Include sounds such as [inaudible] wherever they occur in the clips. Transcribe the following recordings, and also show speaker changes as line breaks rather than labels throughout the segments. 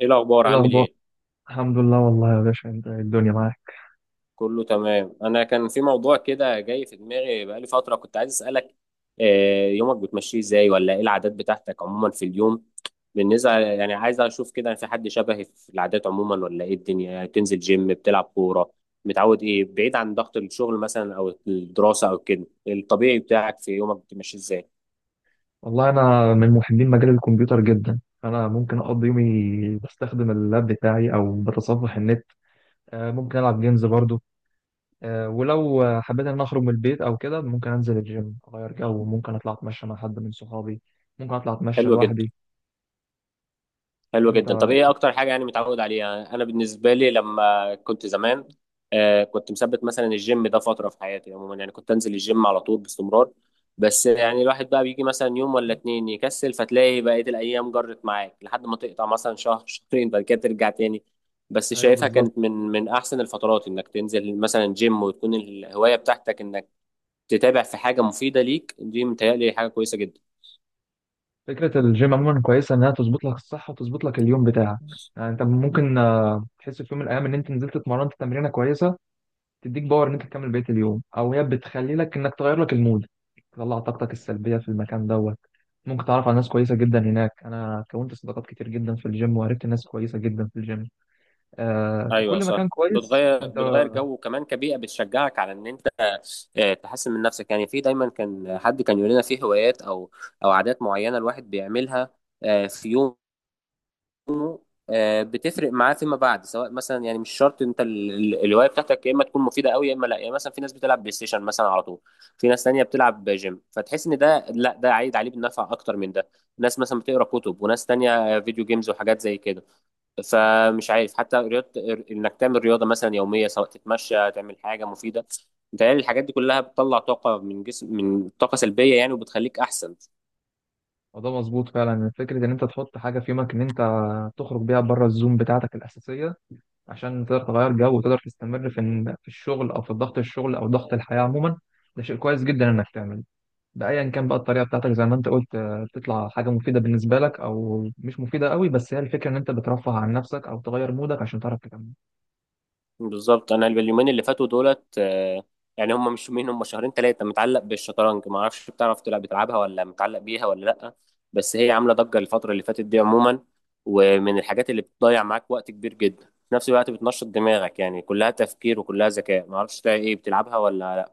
ايه الاخبار؟
ايه
عامل
الاخبار؟
ايه؟
الحمد لله، والله يا باشا. انت إيه الدنيا معاك؟
كله تمام. انا كان في موضوع كده جاي في دماغي بقالي فتره، كنت عايز اسالك. يومك بتمشيه ازاي، ولا ايه العادات بتاعتك عموما في اليوم؟ بالنسبه يعني عايز اشوف كده في حد شبهي في العادات عموما، ولا ايه الدنيا؟ يعني تنزل جيم، بتلعب كوره، متعود ايه بعيد عن ضغط الشغل مثلا او الدراسه او كده؟ الطبيعي بتاعك في يومك بتمشيه ازاي؟
والله انا من محبين مجال الكمبيوتر جدا، فانا ممكن اقضي يومي بستخدم اللاب بتاعي او بتصفح النت. ممكن العب جيمز برضو. ولو حبيت ان أنا اخرج من البيت او كده، ممكن انزل الجيم اغير جو، ممكن اطلع اتمشى مع حد من صحابي، ممكن اطلع اتمشى
حلو جدا.
لوحدي.
حلو
انت.
جدا. طب ايه اكتر حاجه يعني متعود عليها؟ انا بالنسبه لي لما كنت زمان، آه كنت مثبت مثلا الجيم ده فتره في حياتي عموما، يعني كنت انزل الجيم على طول باستمرار. بس يعني الواحد بقى بيجي مثلا يوم ولا اتنين يكسل، فتلاقي بقيه الايام جرت معاك لحد ما تقطع مثلا شهر شهرين، بعد كده ترجع تاني. بس
ايوه
شايفها
بالظبط.
كانت من احسن الفترات انك تنزل مثلا جيم وتكون الهوايه بتاعتك انك تتابع في حاجه مفيده ليك. دي متهيألي حاجه كويسه جدا.
فكره الجيم عموما كويسه، انها تظبط لك الصحه وتظبط لك اليوم بتاعك. يعني انت ممكن تحس في يوم من الايام ان انت نزلت اتمرنت تمرينه كويسه، تديك باور ان انت تكمل بقيه اليوم، او هي بتخلي لك انك تغير لك المود، تطلع طاقتك السلبيه في المكان دوت. ممكن تعرف على ناس كويسه جدا هناك. انا كونت صداقات كتير جدا في الجيم، وعرفت ناس كويسه جدا في الجيم. آه،
ايوه
فكل
صح.
مكان كويس.
بتغير،
انت.
بتغير جو، وكمان كبيئه بتشجعك على ان انت تحسن من نفسك. يعني في دايما كان حد كان يقول لنا في هوايات او او عادات معينه الواحد بيعملها في يومه بتفرق معاه فيما بعد. سواء مثلا يعني مش شرط انت الهوايه بتاعتك يا اما تكون مفيده قوي يا اما لا. يعني مثلا في ناس بتلعب بلاي ستيشن مثلا على طول، في ناس تانية بتلعب جيم، فتحس ان ده لا، ده عايد عليه بالنفع اكتر من ده. ناس مثلا بتقرا كتب، وناس تانية فيديو جيمز وحاجات زي كده. فمش عارف، حتى رياضة، انك تعمل رياضة مثلا يومية، سواء تتمشى تعمل حاجة مفيدة. متهيألي الحاجات دي كلها بتطلع طاقة من جسم، من طاقة سلبية يعني، وبتخليك أحسن.
الموضوع مظبوط فعلا، فكره ان انت تحط حاجه في يومك، ان انت تخرج بيها بره الزوم بتاعتك الاساسيه، عشان تقدر تغير جو، وتقدر تستمر في في الشغل، او في ضغط الشغل، او ضغط الحياه عموما. ده شيء كويس جدا انك تعمله، بأيا كان بقى الطريقة بتاعتك. زي ما انت قلت، بتطلع حاجة مفيدة بالنسبة لك او مش مفيدة قوي، بس هي الفكرة ان انت بترفه عن نفسك او تغير مودك عشان تعرف تكمل.
بالظبط. أنا اليومين اللي فاتوا دولت، يعني هم مش يومين، هم شهرين ثلاثة، متعلق بالشطرنج. ما أعرفش، بتعرف تلعب، بتلعبها ولا متعلق بيها ولا لأ؟ بس هي عاملة ضجة الفترة اللي فاتت دي عموما، ومن الحاجات اللي بتضيع معاك وقت كبير جدا. في نفس الوقت بتنشط دماغك، يعني كلها تفكير وكلها ذكاء. ما أعرفش إيه، بتلعبها ولا؟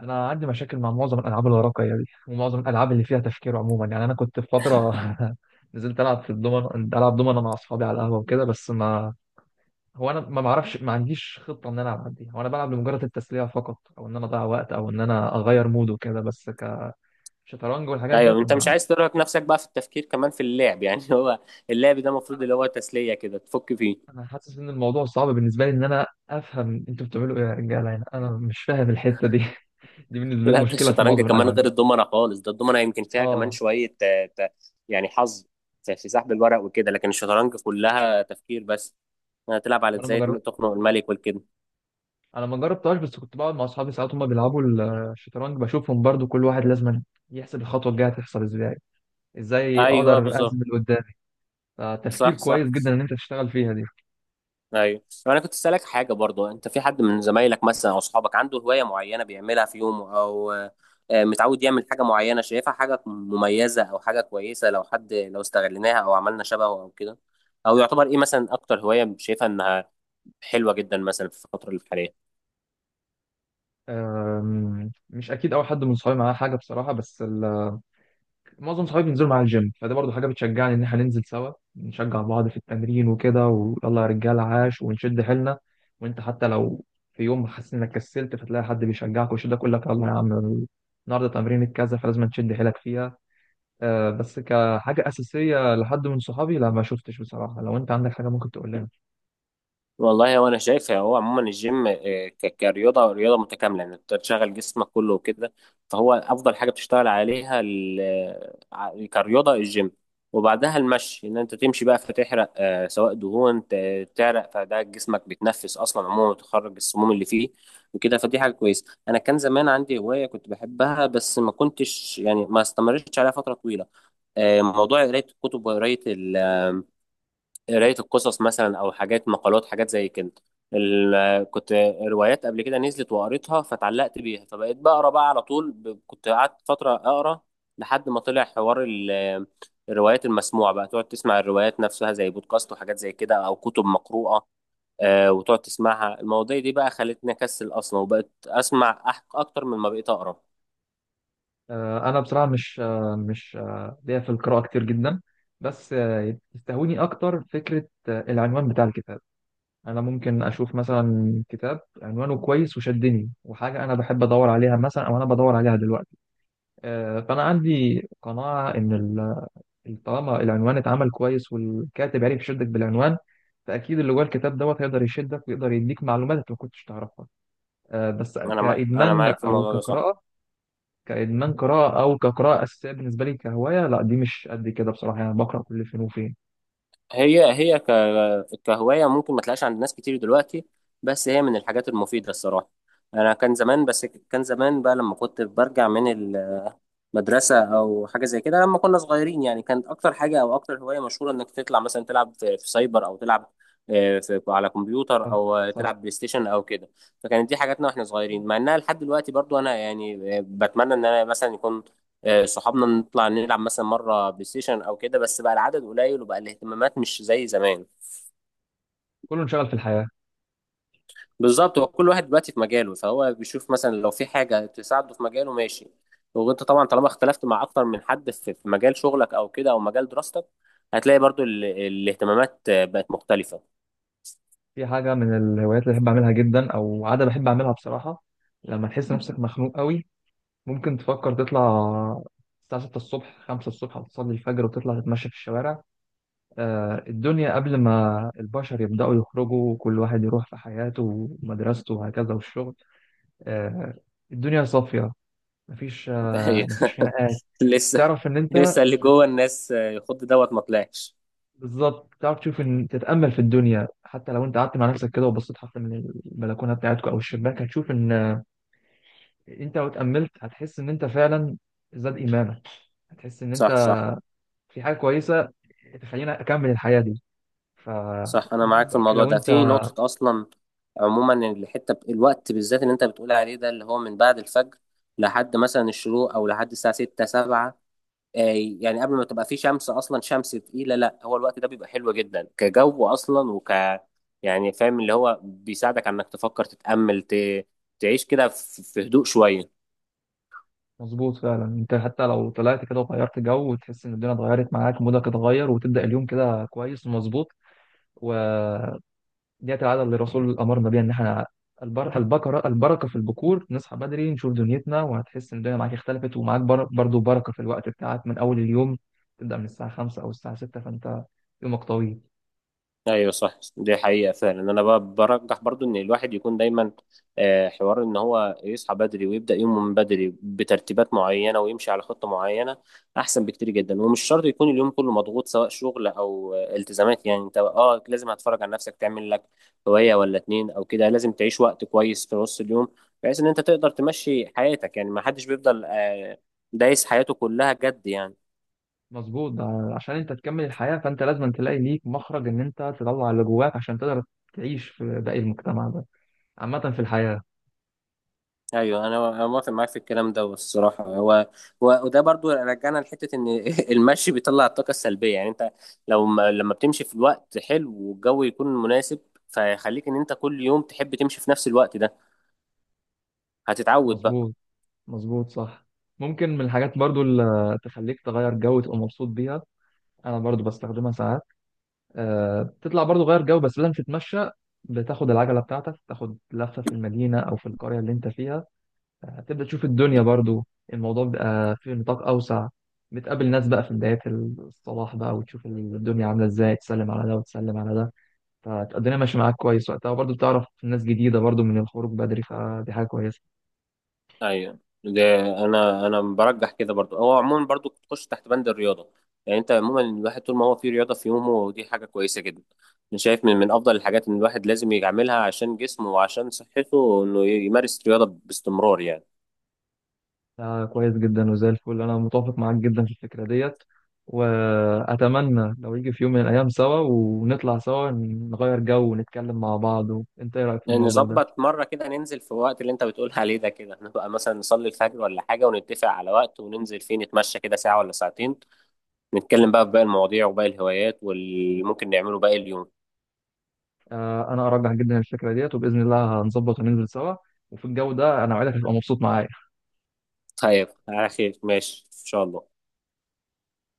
انا عندي مشاكل مع معظم الالعاب الورقية دي، ومعظم الالعاب اللي فيها تفكير عموما. يعني انا كنت في فترة [laughs] نزلت العب في الدومن، العب دومنة مع اصحابي على القهوة وكده، بس ما. هو انا ما بعرفش، ما عنديش خطة ان انا العب دي، هو انا بلعب لمجرد التسلية فقط، او ان انا اضيع وقت، او ان انا اغير مود وكده بس. كشطرنج والحاجات
ايوه،
ديت،
انت مش
انا.
عايز ترهق نفسك بقى في التفكير كمان في اللعب يعني. [laughs] هو اللعب ده المفروض اللي هو تسليه كده تفك فيه.
انا حاسس ان الموضوع صعب بالنسبه لي، ان انا افهم انتوا بتعملوا ايه يا رجاله؟ هنا انا مش فاهم الحته دي [laughs] دي بالنسبه لي
لا، ده
مشكله في
الشطرنج
معظم
كمان
الالعاب
غير
دي.
الدومنه خالص. ده الدومنه يمكن فيها كمان
اه.
شويه يعني حظ في سحب الورق وكده. لكن الشطرنج كلها تفكير بس، هتلعب على
وانا ما
ازاي
جر...
تخنق الملك والكده.
انا ما جربتهاش، بس كنت بقعد مع اصحابي ساعات هما بيلعبوا الشطرنج، بشوفهم برضو كل واحد لازم يحسب الخطوه الجايه هتحصل ازاي، ازاي
ايوه
اقدر
بالظبط.
اهزم اللي قدامي. فتفكير
صح صح.
كويس جدا ان انت تشتغل فيها دي.
ايوه، طب انا كنت اسالك حاجه برضو، انت في حد من زمايلك مثلا او اصحابك عنده هوايه معينه بيعملها في يومه، او متعود يعمل حاجه معينه شايفها حاجه مميزه او حاجه كويسه، لو حد لو استغليناها او عملنا شبهه او كده؟ او يعتبر ايه مثلا اكتر هوايه شايفها انها حلوه جدا مثلا في الفتره الحاليه؟
مش اكيد اول حد من صحابي معاه حاجه بصراحه، بس معظم صحابي بينزلوا معايا الجيم، فدي برضو حاجه بتشجعني ان احنا ننزل سوا، نشجع بعض في التمرين وكده، ويلا يا رجاله عاش ونشد حيلنا. وانت حتى لو في يوم حاسس انك كسلت، فتلاقي حد بيشجعك ويشدك، يقول لك يلا يا عم، النهارده تمرين كذا فلازم تشد حيلك فيها. آه، بس كحاجه اساسيه لحد من صحابي، لا ما شفتش بصراحه. لو انت عندك حاجه ممكن تقول لنا.
والله، هو انا شايف هو عموما الجيم كرياضه، رياضه متكامله يعني، انت تشغل جسمك كله وكده. فهو افضل حاجه بتشتغل عليها كرياضه الجيم. وبعدها المشي، ان انت تمشي بقى فتحرق سواء دهون، تعرق، فده جسمك بيتنفس اصلا عموما وتخرج السموم اللي فيه وكده. فدي حاجه كويسه. انا كان زمان عندي هوايه كنت بحبها، بس ما كنتش يعني ما استمرتش عليها فتره طويله، موضوع قرايه الكتب، وقرايه قراية القصص مثلا، أو حاجات مقالات حاجات زي كده. كنت روايات قبل كده نزلت وقريتها فتعلقت بيها، فبقيت بقرا بقى على طول. كنت قعدت فترة أقرا لحد ما طلع حوار الروايات المسموعة بقى، تقعد تسمع الروايات نفسها زي بودكاست وحاجات زي كده أو كتب مقروءة، وتقعد تسمعها. المواضيع دي بقى خلتني أكسل أصلا، وبقيت أسمع أكتر من ما بقيت أقرا.
آه، انا بصراحه مش ليا في القراءه كتير جدا، بس تستهويني اكتر فكره العنوان بتاع الكتاب. انا ممكن اشوف مثلا كتاب عنوانه كويس وشدني، وحاجه انا بحب ادور عليها مثلا، او انا بدور عليها دلوقتي. فانا عندي قناعه ان طالما العنوان اتعمل كويس، والكاتب عرف يشدك بالعنوان، فاكيد اللي جوه الكتاب دوت هيقدر يشدك ويقدر يديك معلومات انت ما كنتش تعرفها. بس
أنا
كادمان
معاك في
او
الموضوع ده، صح.
كقراءه، كادمان قراءه او كقراءه اساسيه بالنسبه لي كهوايه، لا دي مش قد كده بصراحه، يعني بقرا كل فين وفين.
هي هي ك... كهواية ممكن ما تلاقيش عند ناس كتير دلوقتي، بس هي من الحاجات المفيدة الصراحة. أنا كان زمان، بس كان زمان بقى لما كنت برجع من مدرسة أو حاجة زي كده لما كنا صغيرين، يعني كانت أكتر حاجة أو أكتر هواية مشهورة إنك تطلع مثلا تلعب في سايبر، أو تلعب في على كمبيوتر،
آه،
أو
صح.
تلعب بلاي ستيشن أو كده. فكانت دي حاجاتنا وإحنا صغيرين. مع إنها لحد دلوقتي برضو أنا يعني بتمنى إن أنا مثلا يكون صحابنا نطلع نلعب مثلا مرة بلاي ستيشن أو كده، بس بقى العدد قليل وبقى الاهتمامات مش زي زمان.
كله انشغل في الحياه.
بالظبط. هو كل واحد دلوقتي في مجاله، فهو بيشوف مثلا لو في حاجة تساعده في مجاله ماشي. وانت طبعا طالما اختلفت مع اكتر من حد في مجال شغلك او كده او مجال دراستك، هتلاقي برضو الاهتمامات بقت مختلفة.
في حاجة من الهوايات اللي بحب أعملها جدا، أو عادة بحب أعملها بصراحة. لما تحس نفسك مخنوق قوي، ممكن تفكر تطلع الساعة 6 الصبح، 5 الصبح، وتصلي الفجر وتطلع تتمشى في الشوارع. الدنيا قبل ما البشر يبدأوا يخرجوا وكل واحد يروح في حياته ومدرسته وهكذا والشغل. آه، الدنيا صافية، مفيش
[laughs] أيوة.
مفيش خناقات.
لسه،
تعرف إن أنت.
لسه اللي جوه الناس يخد دوت ما طلعش.
بالظبط، تعرف تشوف، ان تتامل في الدنيا حتى لو انت قعدت مع نفسك كده وبصيت حتى من البلكونه بتاعتك او الشباك، هتشوف ان انت لو اتأملت هتحس ان انت فعلا زاد ايمانك، هتحس ان
صح
انت
صح.
في حاجة كويسة تخليني اكمل الحياة دي. ف،
صح، انا معاك في الموضوع
لو
ده
انت.
في نقطة اصلا. عموما الحتة الوقت بالذات اللي انت بتقول عليه ده، اللي هو من بعد الفجر لحد مثلا الشروق او لحد الساعة 6 7، آه، يعني قبل ما تبقى في شمس اصلا، شمس تقيله. لا هو الوقت ده بيبقى حلو جدا كجو اصلا، يعني فاهم اللي هو بيساعدك على انك تفكر تتامل، تعيش كده في هدوء شويه.
مظبوط فعلا، انت حتى لو طلعت كده وغيرت جو، وتحس ان الدنيا اتغيرت معاك، مودك اتغير، وتبدأ اليوم كده كويس ومظبوط. وديت العادة اللي الرسول امرنا بيها، ان احنا البكرة، البركة في البكور، نصحى بدري نشوف دنيتنا، وهتحس ان الدنيا معاك اختلفت، ومعاك برضو بركة في الوقت بتاعك من اول اليوم. تبدأ من الساعة 5 او الساعة 6، فانت يومك طويل.
ايوه صح، دي حقيقة فعلا. انا برجح برضو ان الواحد يكون دايما حوار ان هو يصحى بدري ويبدأ يومه من بدري بترتيبات معينة ويمشي على خطة معينة، احسن بكتير جدا. ومش شرط يكون اليوم كله مضغوط سواء شغل او التزامات، يعني انت اه لازم هتفرج على نفسك، تعمل لك هواية ولا اتنين او كده. لازم تعيش وقت كويس في نص اليوم، بحيث ان انت تقدر تمشي حياتك. يعني ما حدش بيفضل دايس حياته كلها جد يعني.
مظبوط ده، عشان انت تكمل الحياة فانت لازم تلاقي ليك مخرج ان انت تطلع اللي جواك، عشان تقدر تعيش في باقي المجتمع ده، عامة في الحياة.
ايوه انا، أنا موافق معاك في الكلام ده الصراحه. وده برضو رجعنا لحته ان [laughs] المشي بيطلع الطاقه السلبيه. يعني انت لو ما لما بتمشي في الوقت حلو والجو يكون مناسب، فيخليك ان انت كل يوم تحب تمشي في نفس الوقت ده، هتتعود بقى.
مظبوط، مظبوط صح. ممكن من الحاجات برضو اللي تخليك تغير جو تبقى مبسوط بيها، انا برضو بستخدمها ساعات. أه، بتطلع برضو غير جو، بس لازم تتمشى. بتاخد العجلة بتاعتك، تاخد لفة في المدينة او في القرية اللي انت فيها، هتبدأ تشوف الدنيا
بت...
برضو. الموضوع بيبقى في نطاق أوسع، بتقابل ناس بقى في بداية الصلاح بقى، وتشوف الدنيا عاملة ازاي، تسلم على ده وتسلم على ده. فالدنيا ماشية معاك كويس وقتها، وبرضو بتعرف ناس جديدة برضو من الخروج بدري، فدي حاجة كويسة.
ايوه، ده انا برجح كده برضو. هو عموما برضو تخش تحت بند الرياضه. يعني انت عموما الواحد طول ما هو في رياضه في يومه، دي حاجه كويسه جدا. انا شايف من افضل الحاجات ان الواحد لازم يعملها عشان جسمه وعشان صحته، انه يمارس رياضه باستمرار يعني.
ده كويس جدا وزي الفل، أنا متوافق معاك جدا في الفكرة ديت، وأتمنى لو يجي في يوم من الأيام سوا، ونطلع سوا نغير جو ونتكلم مع بعض. وأنت إيه رأيك في الموضوع ده؟
نظبط مرة كده، ننزل في الوقت اللي انت بتقول عليه ده كده، نبقى مثلا نصلي الفجر ولا حاجة ونتفق على وقت وننزل فيه، نتمشى كده ساعة ولا ساعتين، نتكلم بقى في باقي المواضيع وباقي الهوايات واللي ممكن نعمله باقي اليوم.
انا ارجح جدا الفكره ديت، وباذن الله هنظبط وننزل سوا، وفي الجو ده انا وعدك هتبقى مبسوط معايا.
طيب على خير، ماشي ان شاء الله.